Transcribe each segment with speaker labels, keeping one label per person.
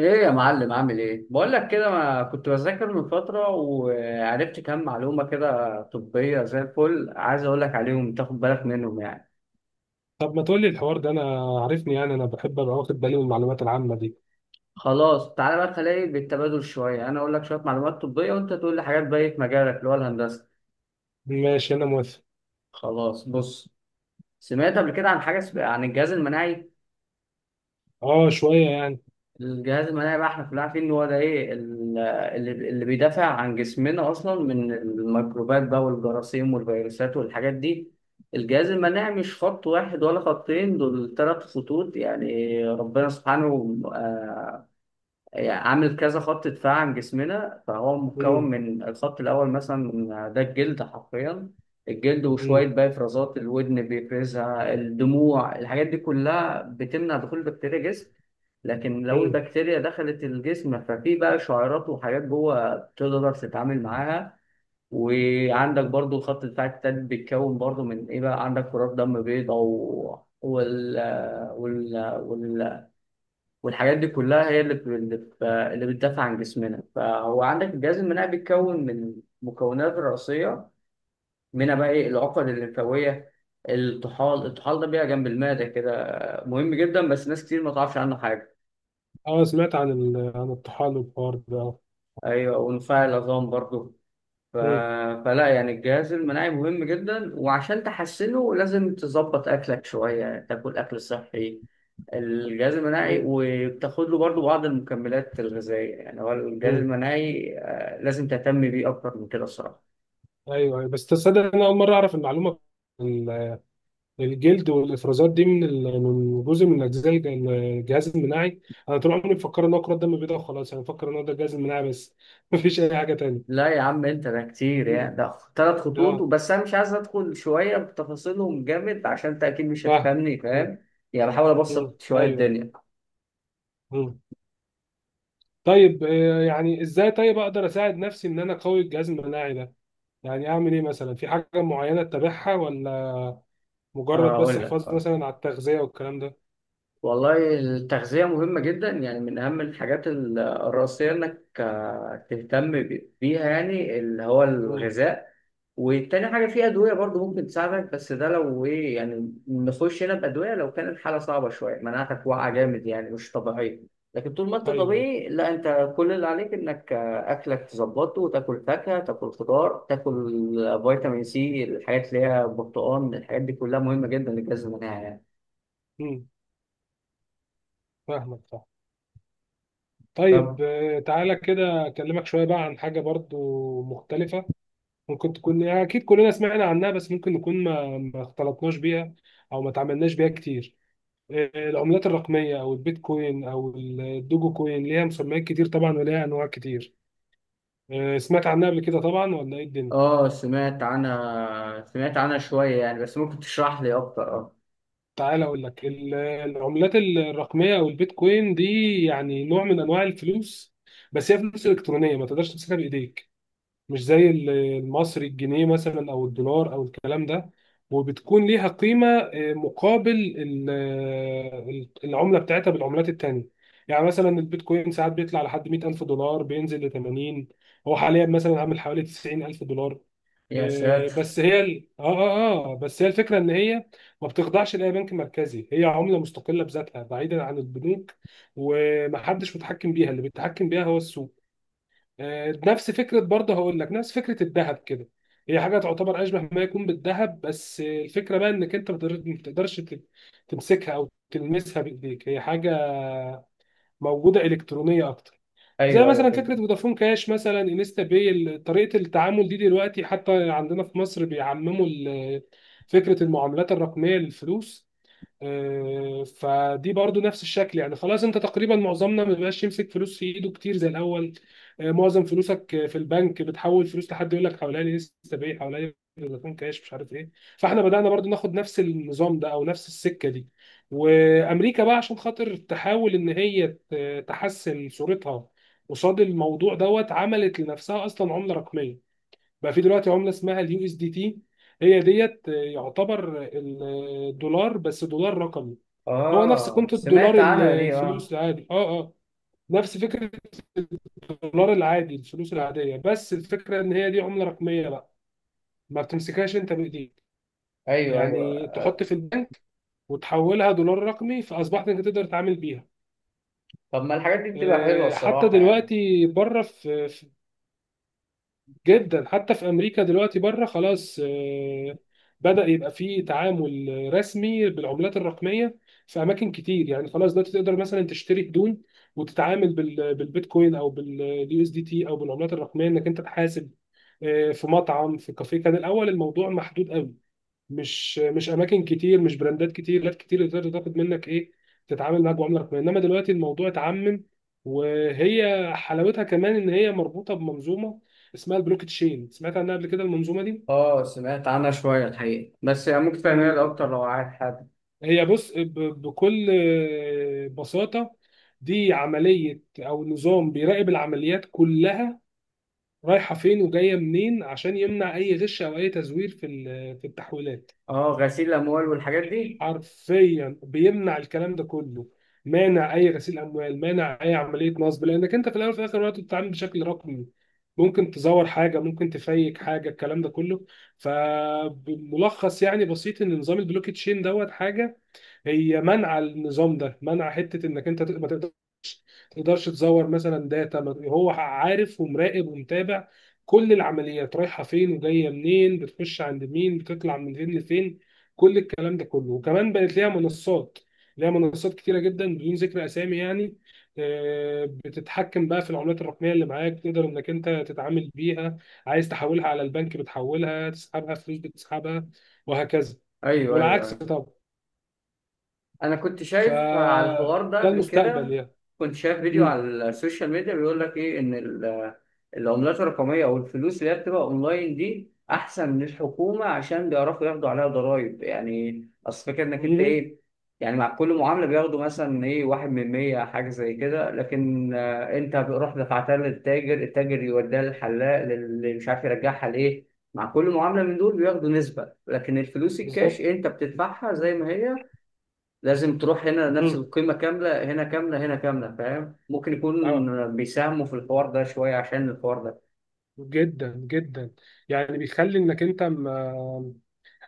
Speaker 1: ايه يا معلم، عامل ايه؟ بقول لك كده، ما كنت بذاكر من فتره وعرفت كام معلومه كده طبيه زي الفل، عايز اقول لك عليهم تاخد بالك منهم يعني.
Speaker 2: طب ما تقولي الحوار ده. انا عارفني، يعني انا بحب ابقى واخد بالي من المعلومات العامه دي.
Speaker 1: خلاص، تعالى بقى خلينا بالتبادل شويه، انا اقول لك شويه معلومات طبيه وانت تقول لي حاجات بقى في مجالك اللي هو الهندسه.
Speaker 2: ماشي، انا موافق.
Speaker 1: خلاص، بص، سمعت قبل كده عن حاجه عن الجهاز المناعي.
Speaker 2: اه، شويه يعني.
Speaker 1: الجهاز المناعي بقى احنا كلنا عارفين ان هو ده ايه، اللي بيدافع عن جسمنا اصلا من الميكروبات بقى والجراثيم والفيروسات والحاجات دي. الجهاز المناعي مش خط واحد ولا خطين، دول ثلاث خطوط يعني ربنا سبحانه يعني عامل كذا خط دفاع عن جسمنا، فهو مكون
Speaker 2: مم.
Speaker 1: من الخط الأول مثلا ده الجلد حرفيا. الجلد وشوية
Speaker 2: مم.
Speaker 1: بقى إفرازات الودن بيفرزها الدموع الحاجات دي كلها بتمنع دخول البكتيريا جسم. لكن لو
Speaker 2: مم.
Speaker 1: البكتيريا دخلت الجسم ففي بقى شعيرات وحاجات جوه تقدر تتعامل معاها. وعندك برضو الخط الدفاع التالت بيتكون برضو من ايه بقى، عندك كرات دم بيضاء و... وال... وال... وال... والحاجات دي كلها هي اللي بتدافع عن جسمنا، فهو عندك الجهاز المناعي بيتكون من مكونات رئيسية. منها بقى ايه، العقد الليمفاوية. الطحال ده بيبقى جنب المعدة كده. مهم جدا بس ناس كتير ما تعرفش عنه حاجة.
Speaker 2: اه، سمعت عن الطحال والحوار ده، اه.
Speaker 1: ايوه، ونفاع العظام برضو. ف...
Speaker 2: مم.
Speaker 1: فلا يعني الجهاز المناعي مهم جدا، وعشان تحسنه لازم تظبط اكلك شويه، تاكل اكل صحي. الجهاز المناعي،
Speaker 2: مم.
Speaker 1: وبتاخد له برضو بعض المكملات الغذائيه، يعني هو الجهاز
Speaker 2: مم.
Speaker 1: المناعي لازم تهتم بيه اكتر من كده الصراحه.
Speaker 2: ايوه ايوه، بس تصدق انا اول مره اعرف المعلومه. ال- الجلد والافرازات دي من جزء من اجزاء الجهاز المناعي. انا طول عمري مفكر ان هو كرات دم بيضاء وخلاص، انا مفكر ان هو ده الجهاز المناعي بس مفيش اي حاجه تانية.
Speaker 1: لا يا عم، انت ده كتير يعني،
Speaker 2: مم.
Speaker 1: ده ثلاث خطوط
Speaker 2: اه،
Speaker 1: وبس، انا مش عايز ادخل شويه بتفاصيلهم جامد عشان انت اكيد مش
Speaker 2: فاهم.
Speaker 1: هتفهمني،
Speaker 2: مم.
Speaker 1: فاهم؟ يعني بحاول
Speaker 2: مم.
Speaker 1: ابسط شويه
Speaker 2: ايوه.
Speaker 1: الدنيا.
Speaker 2: مم. طيب، يعني ازاي طيب اقدر اساعد نفسي ان انا اقوي الجهاز المناعي ده؟ يعني اعمل ايه مثلا؟ في حاجه معينه اتبعها ولا مجرد بس
Speaker 1: اقول لك.
Speaker 2: حفاظ مثلا على التغذيه والكلام ده؟
Speaker 1: والله التغذية مهمة جدا، يعني من أهم الحاجات الرئيسية إنك تهتم بيها، يعني اللي هو
Speaker 2: امم
Speaker 1: الغذاء. والتاني حاجة في أدوية برضو ممكن تساعدك، بس ده لو إيه يعني، نخش هنا بأدوية لو كانت حالة صعبة شوية، مناعتك واقعة جامد يعني مش طبيعية. لكن طول ما أنت
Speaker 2: ايوه.
Speaker 1: طبيعي، لا أنت كل اللي عليك إنك أكلك تظبطه، وتاكل فاكهة تاكل خضار تاكل فيتامين سي، الحاجات اللي هي برتقال، الحاجات دي كلها مهمة جدا للجهاز المناعي يعني.
Speaker 2: امم فاهمك، صح. طيب،
Speaker 1: طب،
Speaker 2: تعالى كده اكلمك شويه بقى عن حاجه برضو مختلفه. ممكن تكون، يعني اكيد كلنا سمعنا عنها بس ممكن نكون ما اختلطناش بيها او ما تعاملناش بيها كتير. العملات الرقميه او البيتكوين او الدوجو كوين ليها مسميات كتير طبعا، وليها انواع كتير. سمعت عنها قبل كده طبعا، ولا ايه الدنيا؟
Speaker 1: اه سمعت عنها شوية يعني، بس ممكن تشرح لي أكتر اه؟
Speaker 2: تعال اقول لك العملات الرقميه او البيتكوين دي، يعني نوع من انواع الفلوس. بس هي فلوس الكترونيه، ما تقدرش تمسكها بايديك. مش زي المصري، الجنيه مثلا او الدولار او الكلام ده. وبتكون ليها قيمه مقابل العمله بتاعتها بالعملات التانيه. يعني مثلا البيتكوين ساعات بيطلع لحد $100,000، بينزل ل 80، هو حاليا مثلا عامل حوالي $90,000.
Speaker 1: يا ساتر.
Speaker 2: بس هي ال... اه اه اه بس هي الفكره ان هي ما بتخضعش لاي بنك مركزي، هي عمله مستقله بذاتها بعيدا عن البنوك. ومحدش متحكم بيها، اللي بيتحكم بيها هو السوق. نفس فكره، برضه هقول لك نفس فكره الذهب كده. هي حاجه تعتبر اشبه ما يكون بالذهب، بس الفكره بقى انك انت ما بتقدرش تمسكها او تلمسها بايديك. هي حاجه موجوده الكترونيه اكتر. زي
Speaker 1: أيوه أيوه،
Speaker 2: مثلا فكره
Speaker 1: فهمت.
Speaker 2: فودافون كاش، مثلا انستا باي، طريقه التعامل دي دلوقتي حتى عندنا في مصر بيعمموا فكره المعاملات الرقميه للفلوس. فدي برضو نفس الشكل، يعني خلاص انت تقريبا معظمنا ما بقاش يمسك فلوس في ايده كتير زي الاول. معظم فلوسك في البنك، بتحول فلوس لحد يقول لك حوالي لي لسه باقي، حوالي فودافون كاش، مش عارف ايه. فاحنا بدأنا برضو ناخد نفس النظام ده او نفس السكة دي. وامريكا بقى عشان خاطر تحاول ان هي تحسن صورتها قصاد الموضوع دوت، عملت لنفسها اصلا عملة رقمية. بقى في دلوقتي عمله اسمها اليو اس دي تي، هي ديت يعتبر الدولار، بس دولار رقمي. هو نفس قيمه
Speaker 1: اه سمعت
Speaker 2: الدولار،
Speaker 1: عنها دي اه.
Speaker 2: الفلوس العادي، اه اه. نفس فكره الدولار العادي، الفلوس العاديه، بس الفكره ان هي دي عمله رقميه بقى. ما بتمسكهاش انت بايديك.
Speaker 1: أيوه أيوه.
Speaker 2: يعني تحط في البنك وتحولها دولار رقمي، فاصبحت انت تقدر تتعامل بيها.
Speaker 1: طب، ما الحاجات دي بتبقى حلوة
Speaker 2: حتى
Speaker 1: الصراحة يعني.
Speaker 2: دلوقتي بره في جدا، حتى في امريكا دلوقتي بره خلاص، بدأ يبقى فيه تعامل رسمي بالعملات الرقميه في اماكن كتير. يعني خلاص دلوقتي تقدر مثلا تشتري هدوم وتتعامل بالبيتكوين او باليو اس دي تي او بالعملات الرقميه، انك انت تحاسب في مطعم، في كافيه. كان الاول الموضوع محدود قوي، مش اماكن كتير، مش براندات كتير، لات كتير اللي تقدر تاخد منك ايه، تتعامل معاك بعمله رقميه. انما دلوقتي الموضوع اتعمم. وهي حلاوتها كمان ان هي مربوطه بمنظومه اسمها البلوك تشين، سمعت عنها قبل كده المنظومه دي؟
Speaker 1: اه سمعت عنها شوية الحقيقة، بس يعني ممكن تفهمها لي أكتر
Speaker 2: ال-
Speaker 1: لو عايز حد؟
Speaker 2: هي بص، بكل بساطه، دي عمليه او نظام بيراقب العمليات كلها، رايحه فين وجايه منين، عشان يمنع اي غش او اي تزوير في التحويلات.
Speaker 1: اه، غسيل الأموال والحاجات دي.
Speaker 2: حرفيا بيمنع الكلام ده كله، مانع اي غسيل اموال، مانع اي عمليه نصب، لانك انت في الاول وفي الاخر وقت بتتعامل بشكل رقمي. ممكن تزور حاجه، ممكن تفيك حاجه، الكلام ده كله. فبملخص يعني بسيط، ان نظام البلوك تشين دوت حاجه هي منع. النظام ده منع حته انك انت ما تقدرش تزور مثلا داتا، هو عارف ومراقب ومتابع كل العمليات، رايحه فين وجايه منين، بتخش عند مين، بتطلع من فين لفين، كل الكلام ده كله. وكمان بقت ليها منصات، ليها منصات كتيره جدا بدون ذكر اسامي يعني. بتتحكم بقى في العملات الرقميه اللي معاك، تقدر انك انت تتعامل بيها. عايز تحولها على البنك بتحولها، تسحبها فلوس بتسحبها، وهكذا.
Speaker 1: أيوه أيوه
Speaker 2: والعكس
Speaker 1: أيوه.
Speaker 2: طبعا.
Speaker 1: انا كنت شايف على
Speaker 2: فده
Speaker 1: الحوار ده قبل
Speaker 2: المستقبل
Speaker 1: كده.
Speaker 2: يعني.
Speaker 1: كنت شايف فيديو على
Speaker 2: مم.
Speaker 1: السوشيال ميديا بيقول لك ايه، ان العملات الرقميه او الفلوس اللي هي بتبقى اونلاين دي احسن من الحكومه، عشان بيعرفوا ياخدوا عليها ضرائب، يعني اصل فكره انك انت
Speaker 2: مم.
Speaker 1: ايه، يعني مع كل معامله بياخدوا مثلا ايه، واحد من 100 حاجه زي كده، لكن انت بتروح دفعتها للتاجر، التاجر يوديها للحلاق اللي مش عارف يرجعها لايه. مع كل معامله من دول بياخدوا نسبه، لكن الفلوس الكاش
Speaker 2: بالظبط.
Speaker 1: انت بتدفعها زي ما هي. لازم تروح هنا نفس
Speaker 2: مم.
Speaker 1: القيمة كاملة، هنا كاملة، هنا كاملة، فاهم؟ ممكن يكون
Speaker 2: اه،
Speaker 1: بيساهموا في الحوار ده شوية، عشان الحوار ده.
Speaker 2: جدا جدا. يعني بيخلي انك انت، ما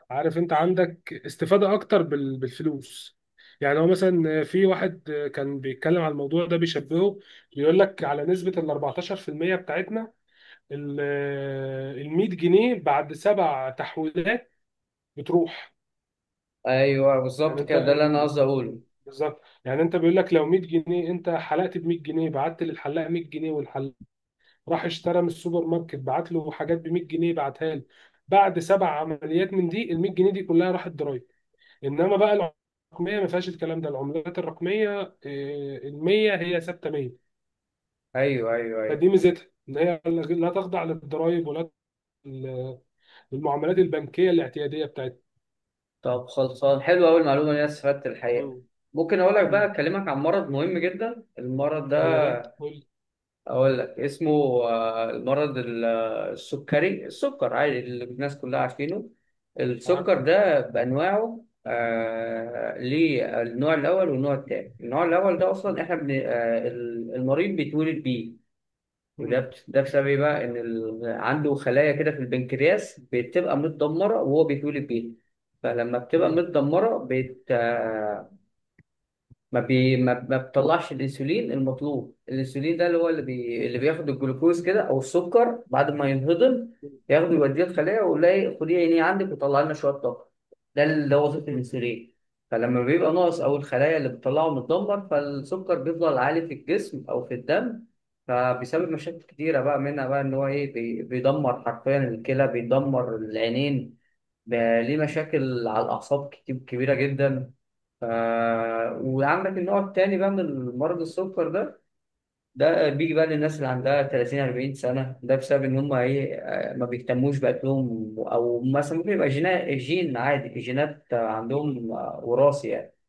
Speaker 2: عارف، انت عندك استفادة اكتر بالفلوس. يعني هو مثلا في واحد كان بيتكلم على الموضوع ده، بيشبهه، بيقول لك على نسبة ال 14% بتاعتنا، ال 100 جنيه بعد سبع تحويلات بتروح.
Speaker 1: ايوه
Speaker 2: يعني
Speaker 1: بالظبط
Speaker 2: انت
Speaker 1: كده، ده اللي انا قصدي اقوله.
Speaker 2: بالظبط، يعني انت بيقول لك لو 100 جنيه، انت حلقت ب 100 جنيه، بعت للحلاق 100 جنيه، والحلاق راح اشترى من السوبر ماركت، بعت له حاجات ب 100 جنيه بعتها له، بعد سبع عمليات من دي ال 100 جنيه دي كلها راحت ضرايب. انما بقى الرقميه ما فيهاش الكلام ده، العملات الرقميه، اه، ال 100 هي ثابته 100.
Speaker 1: ايوه ايوه ايوه.
Speaker 2: فدي ميزتها ان هي لا تخضع للضرايب ولا للمعاملات البنكيه الاعتياديه بتاعتها.
Speaker 1: طب، خلصان حلوة أوي المعلومة دي، انا استفدت الحقيقة.
Speaker 2: مم.
Speaker 1: ممكن اقول لك
Speaker 2: مم.
Speaker 1: بقى، اكلمك عن مرض مهم جدا المرض ده.
Speaker 2: يا ريت قول.
Speaker 1: اقول لك اسمه. المرض السكري، السكر عادي اللي الناس كلها عارفينه. السكر
Speaker 2: عارف.
Speaker 1: ده بانواعه ليه النوع الاول والنوع الثاني، النوع الاول ده اصلا احنا المريض بيتولد بيه.
Speaker 2: مم.
Speaker 1: ده بسبب ايه بقى، ان عنده خلايا كده في البنكرياس بتبقى متدمره، وهو بيتولد بيها. فلما بتبقى
Speaker 2: مم.
Speaker 1: متدمره بت... آه، ما بي ما, ما بتطلعش الانسولين المطلوب، الانسولين ده اللي هو اللي بياخد الجلوكوز كده او السكر بعد ما ينهضم. ياخده يوديه الخلايا، ويقول لها إيه، خدي عيني عندك وطلع لنا شويه طاقه. ده اللي هو وظيفه
Speaker 2: مم.
Speaker 1: الانسولين. فلما بيبقى ناقص، او الخلايا اللي بتطلعه متدمر، فالسكر بيفضل عالي في الجسم او في الدم. فبيسبب مشاكل كتيره بقى، منها بقى ان هو ايه بيدمر حرفيا الكلى، بيدمر العينين. بقى ليه مشاكل على الأعصاب كتير كبيرة جدا. ف... وعندك النوع التاني بقى من مرض السكر ده. ده بيجي بقى للناس اللي
Speaker 2: مم.
Speaker 1: عندها 30 40 سنة، ده بسبب إن هم إيه، ما بيهتموش بأكلهم، أو مثلا ممكن يبقى جين عادي، جينات
Speaker 2: مم.
Speaker 1: عندهم وراثي يعني.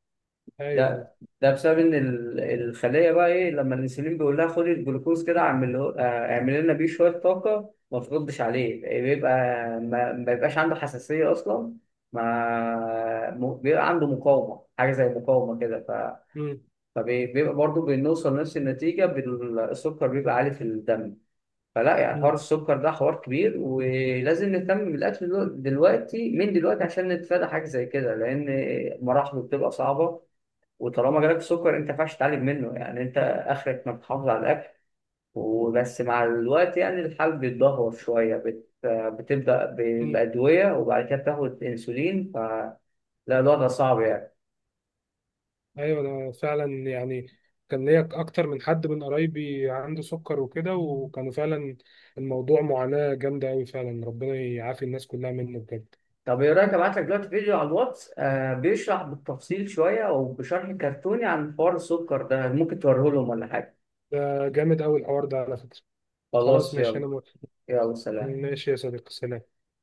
Speaker 2: ايوه.
Speaker 1: ده ده بسبب ان الخليه بقى ايه، لما الانسولين بيقول لها خدي الجلوكوز كده اعمل اعمل لنا بيه شويه طاقه، ما تردش عليه، بيبقى ما بيبقاش عنده حساسيه اصلا، ما م- بيبقى عنده مقاومه، حاجه زي مقاومه كده، ف
Speaker 2: مم.
Speaker 1: فبيبقى برضه بنوصل لنفس النتيجه، بالسكر بيبقى عالي في الدم. فلا يعني حوار
Speaker 2: مم.
Speaker 1: السكر ده حوار كبير، ولازم نهتم بالاكل دلوقتي من دلوقتي، عشان نتفادى حاجه زي كده، لان مراحله بتبقى صعبه. وطالما جالك سكر انت ما ينفعش تعالج منه يعني، انت اخرك انك تحافظ على الاكل وبس، مع الوقت يعني الحال بيتدهور شويه بتبدا
Speaker 2: مم.
Speaker 1: بادويه، وبعد كده بتاخد انسولين، فلا الوضع صعب يعني.
Speaker 2: ايوه، انا فعلا يعني كان ليا اكتر من حد من قرايبي عنده سكر وكده، وكانوا فعلا الموضوع معاناة جامدة قوي، فعلا ربنا يعافي الناس كلها منه بجد.
Speaker 1: طب ايه رايك ابعت لك دلوقتي فيديو على الواتس بيشرح بالتفصيل شويه، وبشرح كرتوني عن حوار السكر ده، ممكن توريه لهم ولا حاجه؟
Speaker 2: ده جامد قوي الحوار ده على فكرة. خلاص،
Speaker 1: خلاص
Speaker 2: ماشي،
Speaker 1: يلا.
Speaker 2: انا موافق.
Speaker 1: يلا سلام.
Speaker 2: ماشي يا صديقي، سلام.